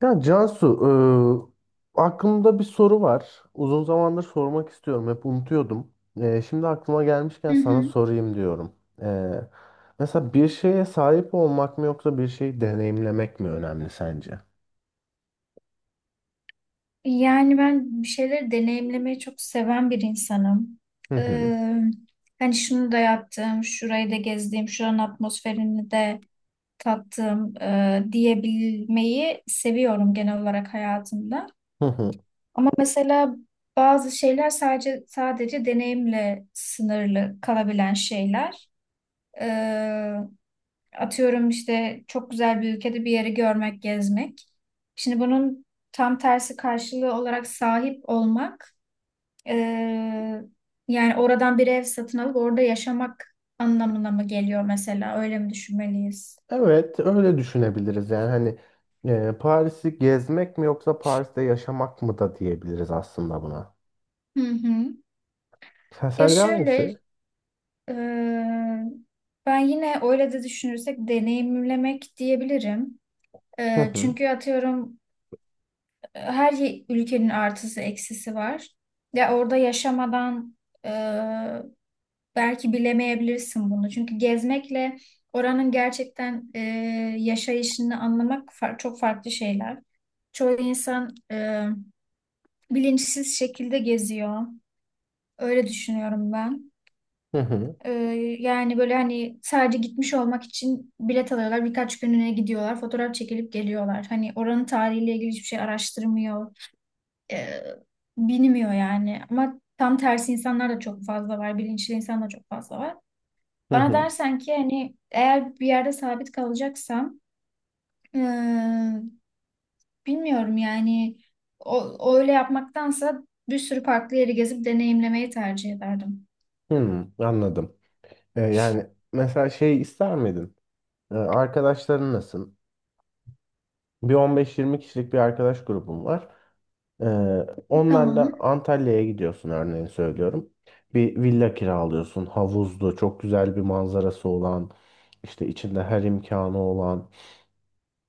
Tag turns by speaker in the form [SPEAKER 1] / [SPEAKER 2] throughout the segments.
[SPEAKER 1] Ya Cansu, aklımda bir soru var. Uzun zamandır sormak istiyorum. Hep unutuyordum. Şimdi aklıma gelmişken
[SPEAKER 2] Hı
[SPEAKER 1] sana
[SPEAKER 2] hı.
[SPEAKER 1] sorayım diyorum. E, Mesela bir şeye sahip olmak mı yoksa bir şeyi deneyimlemek mi önemli sence?
[SPEAKER 2] Yani ben bir şeyleri deneyimlemeyi çok seven bir insanım.
[SPEAKER 1] Hı hı.
[SPEAKER 2] Ee, Hani şunu da yaptım, şurayı da gezdim, şuranın atmosferini de tattım diyebilmeyi seviyorum genel olarak hayatımda.
[SPEAKER 1] Hı hı.
[SPEAKER 2] Ama mesela bazı şeyler sadece deneyimle sınırlı kalabilen şeyler. Atıyorum işte çok güzel bir ülkede bir yeri görmek, gezmek. Şimdi bunun tam tersi karşılığı olarak sahip olmak, eee, yani oradan bir ev satın alıp orada yaşamak anlamına mı geliyor mesela? Öyle mi düşünmeliyiz?
[SPEAKER 1] Evet, öyle düşünebiliriz. Yani hani Paris'i gezmek mi yoksa Paris'te yaşamak mı da diyebiliriz aslında buna.
[SPEAKER 2] Hı hı. Ya
[SPEAKER 1] Sence
[SPEAKER 2] şöyle,
[SPEAKER 1] hangisi?
[SPEAKER 2] eee, ben yine öyle de düşünürsek deneyimlemek diyebilirim.
[SPEAKER 1] Hı hı.
[SPEAKER 2] Çünkü atıyorum ülkenin artısı eksisi var. Ya orada yaşamadan e, belki bilemeyebilirsin bunu. Çünkü gezmekle oranın gerçekten yaşayışını anlamak çok farklı şeyler. Çoğu insan bilinçsiz şekilde geziyor. Öyle düşünüyorum ben.
[SPEAKER 1] Hı hı.
[SPEAKER 2] E, Yani böyle hani sadece gitmiş olmak için bilet alıyorlar. Birkaç günlüğüne gidiyorlar. Fotoğraf çekilip geliyorlar. Hani oranın tarihiyle ilgili hiçbir şey araştırmıyor e, bilmiyor yani. Ama tam tersi insanlar da çok fazla var. Bilinçli insan da çok fazla var.
[SPEAKER 1] Hı
[SPEAKER 2] Bana
[SPEAKER 1] hı.
[SPEAKER 2] dersen ki hani eğer bir yerde sabit kalacaksam e, bilmiyorum yani o öyle yapmaktansa bir sürü farklı yeri gezip deneyimlemeyi tercih ederdim.
[SPEAKER 1] Hı, anladım. Yani mesela şey ister miydin? Arkadaşların nasıl? Bir 15-20 kişilik bir arkadaş grubum var. E, Onlarla
[SPEAKER 2] Tamam.
[SPEAKER 1] Antalya'ya gidiyorsun örneğin söylüyorum. Bir villa kiralıyorsun. Havuzlu, çok güzel bir manzarası olan, işte içinde her imkanı olan.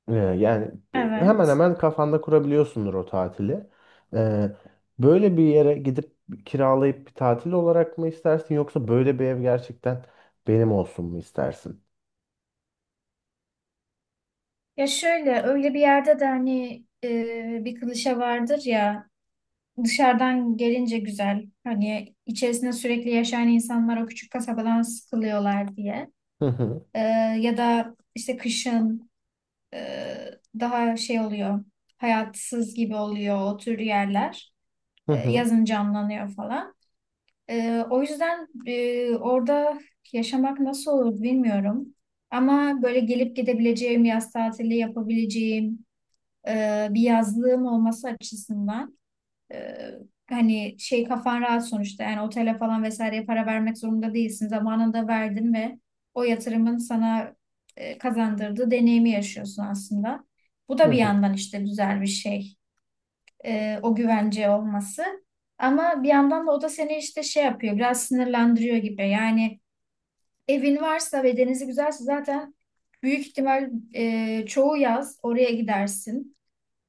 [SPEAKER 1] Yani hemen
[SPEAKER 2] Evet.
[SPEAKER 1] hemen kafanda kurabiliyorsundur o tatili. E, Böyle bir yere gidip kiralayıp bir tatil olarak mı istersin yoksa böyle bir ev gerçekten benim olsun mu istersin?
[SPEAKER 2] Ya şöyle öyle bir yerde de hani bir klişe vardır ya dışarıdan gelince güzel hani içerisinde sürekli yaşayan insanlar o küçük kasabadan sıkılıyorlar diye. Ee, Ya da işte kışın e, daha şey oluyor, hayatsız gibi oluyor o tür yerler.
[SPEAKER 1] Hı hı.
[SPEAKER 2] Yazın canlanıyor falan. O yüzden orada yaşamak nasıl olur bilmiyorum. Ama böyle gelip gidebileceğim, yaz tatili yapabileceğim bir yazlığım olması açısından. Ee, Hani şey kafan rahat sonuçta yani otele falan vesaireye para vermek zorunda değilsin. Zamanında verdin ve o yatırımın sana kazandırdığı deneyimi yaşıyorsun aslında. Bu
[SPEAKER 1] Hı
[SPEAKER 2] da bir
[SPEAKER 1] hı.
[SPEAKER 2] yandan işte güzel bir şey. O güvence olması. Ama bir yandan da o da seni işte şey yapıyor, biraz sinirlendiriyor gibi. Yani evin varsa ve denizi güzelse zaten büyük ihtimal çoğu yaz oraya gidersin.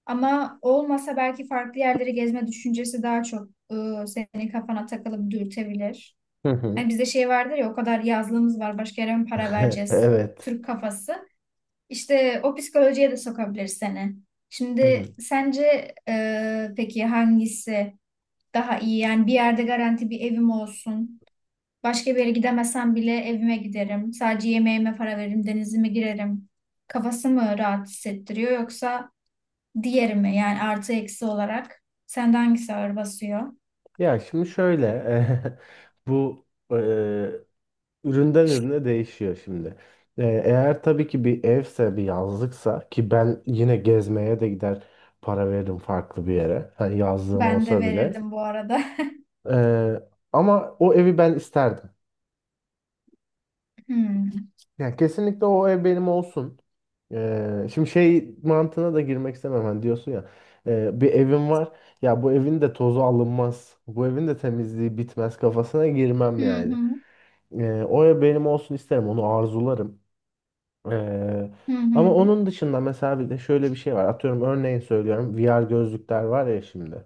[SPEAKER 2] Ama olmasa belki farklı yerleri gezme düşüncesi daha çok senin kafana takılıp dürtebilir.
[SPEAKER 1] Hı hı.
[SPEAKER 2] Hani bizde şey vardır ya o kadar yazlığımız var başka yere mi para vereceğiz?
[SPEAKER 1] Evet.
[SPEAKER 2] Türk kafası. İşte o psikolojiye de sokabilir seni.
[SPEAKER 1] Hı
[SPEAKER 2] Şimdi
[SPEAKER 1] hı.
[SPEAKER 2] sence peki hangisi daha iyi? Yani bir yerde garanti bir evim olsun. Başka bir yere gidemesem bile evime giderim. Sadece yemeğime para veririm, denizime girerim. Kafası mı rahat hissettiriyor yoksa diğeri mi? Yani artı eksi olarak. Sende hangisi ağır basıyor?
[SPEAKER 1] Ya şimdi şöyle bu e, üründen ürüne değişiyor şimdi. Eğer tabii ki bir evse bir yazlıksa ki ben yine gezmeye de gider para veririm farklı bir yere. Hani yazlığım
[SPEAKER 2] Ben de
[SPEAKER 1] olsa bile.
[SPEAKER 2] verirdim bu arada.
[SPEAKER 1] E, Ama o evi ben isterdim.
[SPEAKER 2] Hmm.
[SPEAKER 1] Yani kesinlikle o ev benim olsun. Şimdi şey mantığına da girmek istemem. Hani diyorsun ya bir evim var. Ya bu evin de tozu alınmaz. Bu evin de temizliği bitmez kafasına
[SPEAKER 2] Hı
[SPEAKER 1] girmem yani.
[SPEAKER 2] hı.
[SPEAKER 1] O ev benim olsun isterim. Onu arzularım. Ee,
[SPEAKER 2] Hı hı.
[SPEAKER 1] Ama onun dışında mesela bir de şöyle bir şey var. Atıyorum örneğin söylüyorum. VR gözlükler var ya şimdi.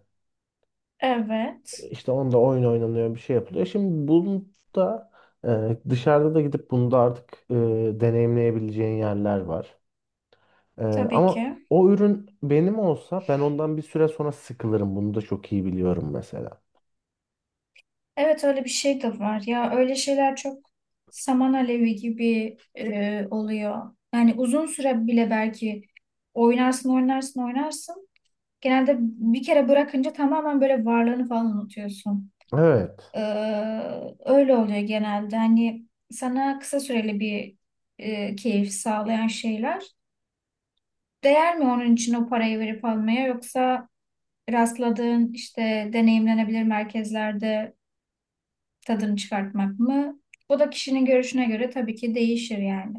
[SPEAKER 2] Evet.
[SPEAKER 1] İşte onda oyun oynanıyor bir şey yapılıyor. Şimdi bunu da dışarıda da gidip bunu da artık deneyimleyebileceğin yerler var. Ee,
[SPEAKER 2] Tabii
[SPEAKER 1] Ama
[SPEAKER 2] ki.
[SPEAKER 1] o ürün benim olsa ben ondan bir süre sonra sıkılırım. Bunu da çok iyi biliyorum mesela.
[SPEAKER 2] Evet, öyle bir şey de var. Ya öyle şeyler çok saman alevi gibi oluyor. Yani uzun süre bile belki oynarsın, oynarsın, oynarsın. Genelde bir kere bırakınca tamamen böyle varlığını falan unutuyorsun.
[SPEAKER 1] Evet.
[SPEAKER 2] Ee, Öyle oluyor genelde. Hani sana kısa süreli bir keyif sağlayan şeyler. Değer mi onun için o parayı verip almaya yoksa rastladığın işte deneyimlenebilir merkezlerde tadını çıkartmak mı? Bu da kişinin görüşüne göre tabii ki değişir yani.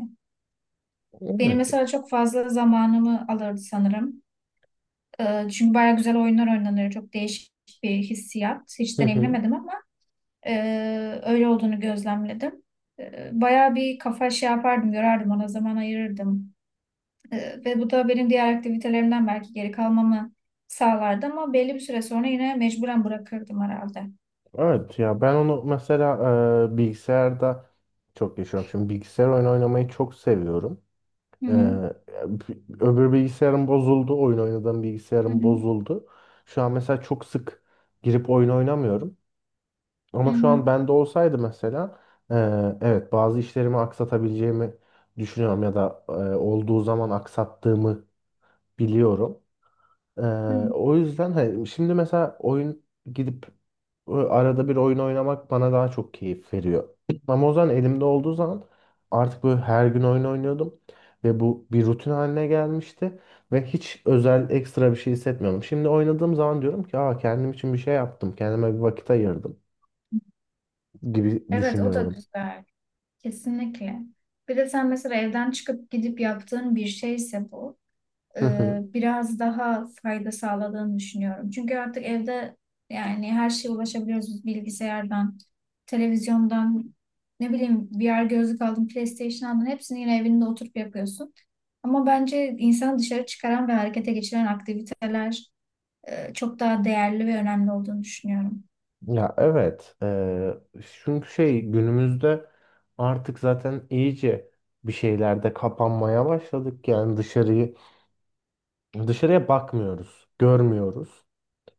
[SPEAKER 2] Benim
[SPEAKER 1] Evet.
[SPEAKER 2] mesela çok fazla zamanımı alırdı sanırım. Çünkü bayağı güzel oyunlar oynanıyor. Çok değişik bir hissiyat.
[SPEAKER 1] Hı
[SPEAKER 2] Hiç
[SPEAKER 1] hı.
[SPEAKER 2] deneyimlemedim ama öyle olduğunu gözlemledim. Bayağı bir kafa şey yapardım, yorardım, ona zaman ayırırdım. Ve bu da benim diğer aktivitelerimden belki geri kalmamı sağlardı ama belli bir süre sonra yine mecburen bırakırdım herhalde.
[SPEAKER 1] Evet ya ben onu mesela bilgisayarda çok yaşıyorum. Şimdi bilgisayar oyunu oynamayı çok seviyorum.
[SPEAKER 2] Hı
[SPEAKER 1] Ee,
[SPEAKER 2] hı,
[SPEAKER 1] Öbür bilgisayarım bozuldu. Oyun oynadığım
[SPEAKER 2] hı
[SPEAKER 1] bilgisayarım
[SPEAKER 2] hı,
[SPEAKER 1] bozuldu. Şu an mesela çok sık girip oyun oynamıyorum.
[SPEAKER 2] hı
[SPEAKER 1] Ama şu
[SPEAKER 2] hı,
[SPEAKER 1] an bende olsaydı mesela evet bazı işlerimi aksatabileceğimi düşünüyorum ya da olduğu zaman aksattığımı biliyorum. Eee,
[SPEAKER 2] hı.
[SPEAKER 1] O yüzden hani şimdi mesela gidip arada bir oyun oynamak bana daha çok keyif veriyor. Ama o zaman elimde olduğu zaman artık böyle her gün oyun oynuyordum ve bu bir rutin haline gelmişti ve hiç özel ekstra bir şey hissetmiyorum. Şimdi oynadığım zaman diyorum ki Aa, kendim için bir şey yaptım, kendime bir vakit ayırdım gibi
[SPEAKER 2] Evet, o da
[SPEAKER 1] düşünüyorum.
[SPEAKER 2] güzel. Kesinlikle. Bir de sen mesela evden çıkıp gidip yaptığın bir şeyse bu.
[SPEAKER 1] Hı hı.
[SPEAKER 2] Biraz daha fayda sağladığını düşünüyorum. Çünkü artık evde yani her şeye ulaşabiliyoruz bilgisayardan, televizyondan, ne bileyim VR gözlük aldın, PlayStation aldın hepsini yine evinde oturup yapıyorsun. Ama bence insanı dışarı çıkaran ve harekete geçiren aktiviteler çok daha değerli ve önemli olduğunu düşünüyorum.
[SPEAKER 1] Ya evet. Çünkü şey günümüzde artık zaten iyice bir şeylerde kapanmaya başladık. Yani dışarıyı dışarıya bakmıyoruz, görmüyoruz.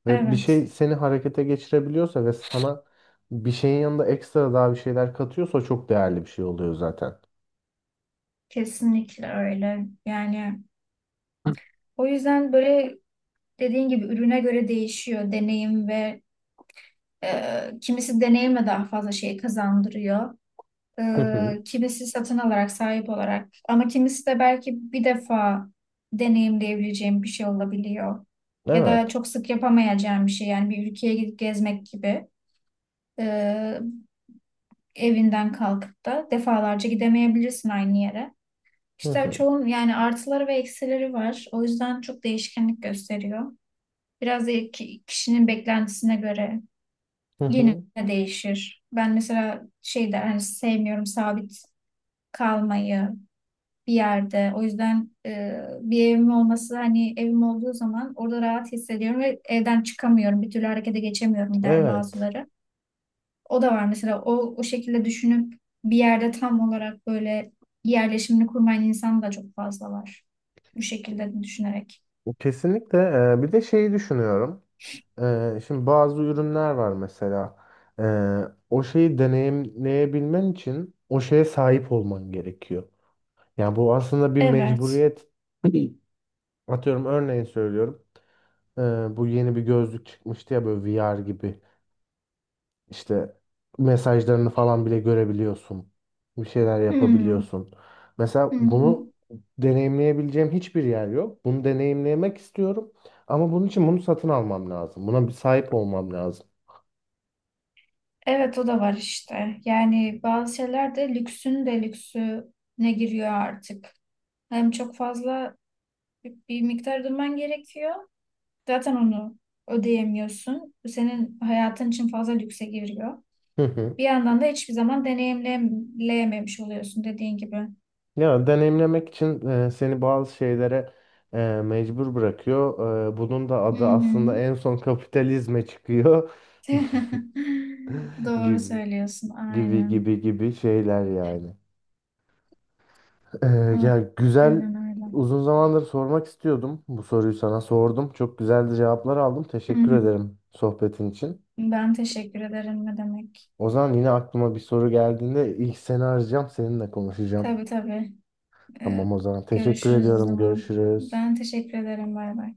[SPEAKER 1] Ve bir şey
[SPEAKER 2] Evet,
[SPEAKER 1] seni harekete geçirebiliyorsa ve sana bir şeyin yanında ekstra daha bir şeyler katıyorsa çok değerli bir şey oluyor zaten.
[SPEAKER 2] kesinlikle öyle. Yani o yüzden böyle dediğin gibi ürüne göre değişiyor deneyim ve kimisi deneyimle daha fazla şey kazandırıyor.
[SPEAKER 1] Hı hı.
[SPEAKER 2] Kimisi satın alarak, sahip olarak. Ama kimisi de belki bir defa deneyimleyebileceğim bir şey olabiliyor. Ya da
[SPEAKER 1] Evet.
[SPEAKER 2] çok sık yapamayacağım bir şey. Yani bir ülkeye gidip gezmek gibi. Ee, Evinden kalkıp da defalarca gidemeyebilirsin aynı yere.
[SPEAKER 1] Hı
[SPEAKER 2] İşte
[SPEAKER 1] hı.
[SPEAKER 2] çoğun yani artıları ve eksileri var. O yüzden çok değişkenlik gösteriyor. Biraz da kişinin beklentisine göre
[SPEAKER 1] Hı
[SPEAKER 2] yine
[SPEAKER 1] hı.
[SPEAKER 2] değişir. Ben mesela şey der, hani sevmiyorum sabit kalmayı bir yerde. O yüzden bir evim olması hani evim olduğu zaman orada rahat hissediyorum ve evden çıkamıyorum. Bir türlü harekete geçemiyorum der
[SPEAKER 1] Evet.
[SPEAKER 2] bazıları. O da var mesela o şekilde düşünüp bir yerde tam olarak böyle yerleşimini kurmayan insan da çok fazla var. Bu şekilde düşünerek.
[SPEAKER 1] Kesinlikle. Bir de şeyi düşünüyorum. Şimdi bazı ürünler var mesela. Ee, O şeyi deneyimleyebilmen için o şeye sahip olman gerekiyor. Yani bu aslında bir
[SPEAKER 2] Evet.
[SPEAKER 1] mecburiyet. Atıyorum örneğin söylüyorum. Ee, Bu yeni bir gözlük çıkmıştı ya böyle VR gibi. İşte mesajlarını falan bile görebiliyorsun. Bir şeyler
[SPEAKER 2] Hmm.
[SPEAKER 1] yapabiliyorsun.
[SPEAKER 2] Hı
[SPEAKER 1] Mesela
[SPEAKER 2] hı.
[SPEAKER 1] bunu deneyimleyebileceğim hiçbir yer yok. Bunu deneyimlemek istiyorum. Ama bunun için bunu satın almam lazım. Buna bir sahip olmam lazım.
[SPEAKER 2] Evet, o da var işte. Yani bazı şeyler de lüksün de lüksüne giriyor artık. Hem çok fazla bir miktar ödemen gerekiyor. Zaten onu ödeyemiyorsun. Bu senin hayatın için fazla lükse giriyor. Bir yandan da hiçbir zaman deneyimleyememiş oluyorsun dediğin gibi.
[SPEAKER 1] Ya deneyimlemek için seni bazı şeylere e, mecbur bırakıyor. Bunun da
[SPEAKER 2] Hı
[SPEAKER 1] adı
[SPEAKER 2] hı.
[SPEAKER 1] aslında en son kapitalizme çıkıyor
[SPEAKER 2] Doğru
[SPEAKER 1] gibi
[SPEAKER 2] söylüyorsun.
[SPEAKER 1] gibi
[SPEAKER 2] Aynen.
[SPEAKER 1] gibi gibi şeyler yani. E, Ya güzel
[SPEAKER 2] Aynen öyle.
[SPEAKER 1] uzun zamandır sormak istiyordum. Bu soruyu sana sordum. Çok güzel de cevaplar aldım.
[SPEAKER 2] Hı
[SPEAKER 1] Teşekkür
[SPEAKER 2] hı.
[SPEAKER 1] ederim sohbetin için.
[SPEAKER 2] Ben teşekkür ederim, ne demek.
[SPEAKER 1] O zaman yine aklıma bir soru geldiğinde ilk seni arayacağım, seninle konuşacağım.
[SPEAKER 2] Tabii tabii. Ee,
[SPEAKER 1] Tamam o zaman. Teşekkür
[SPEAKER 2] Görüşürüz o
[SPEAKER 1] ediyorum.
[SPEAKER 2] zaman.
[SPEAKER 1] Görüşürüz.
[SPEAKER 2] Ben teşekkür ederim. Bay bay.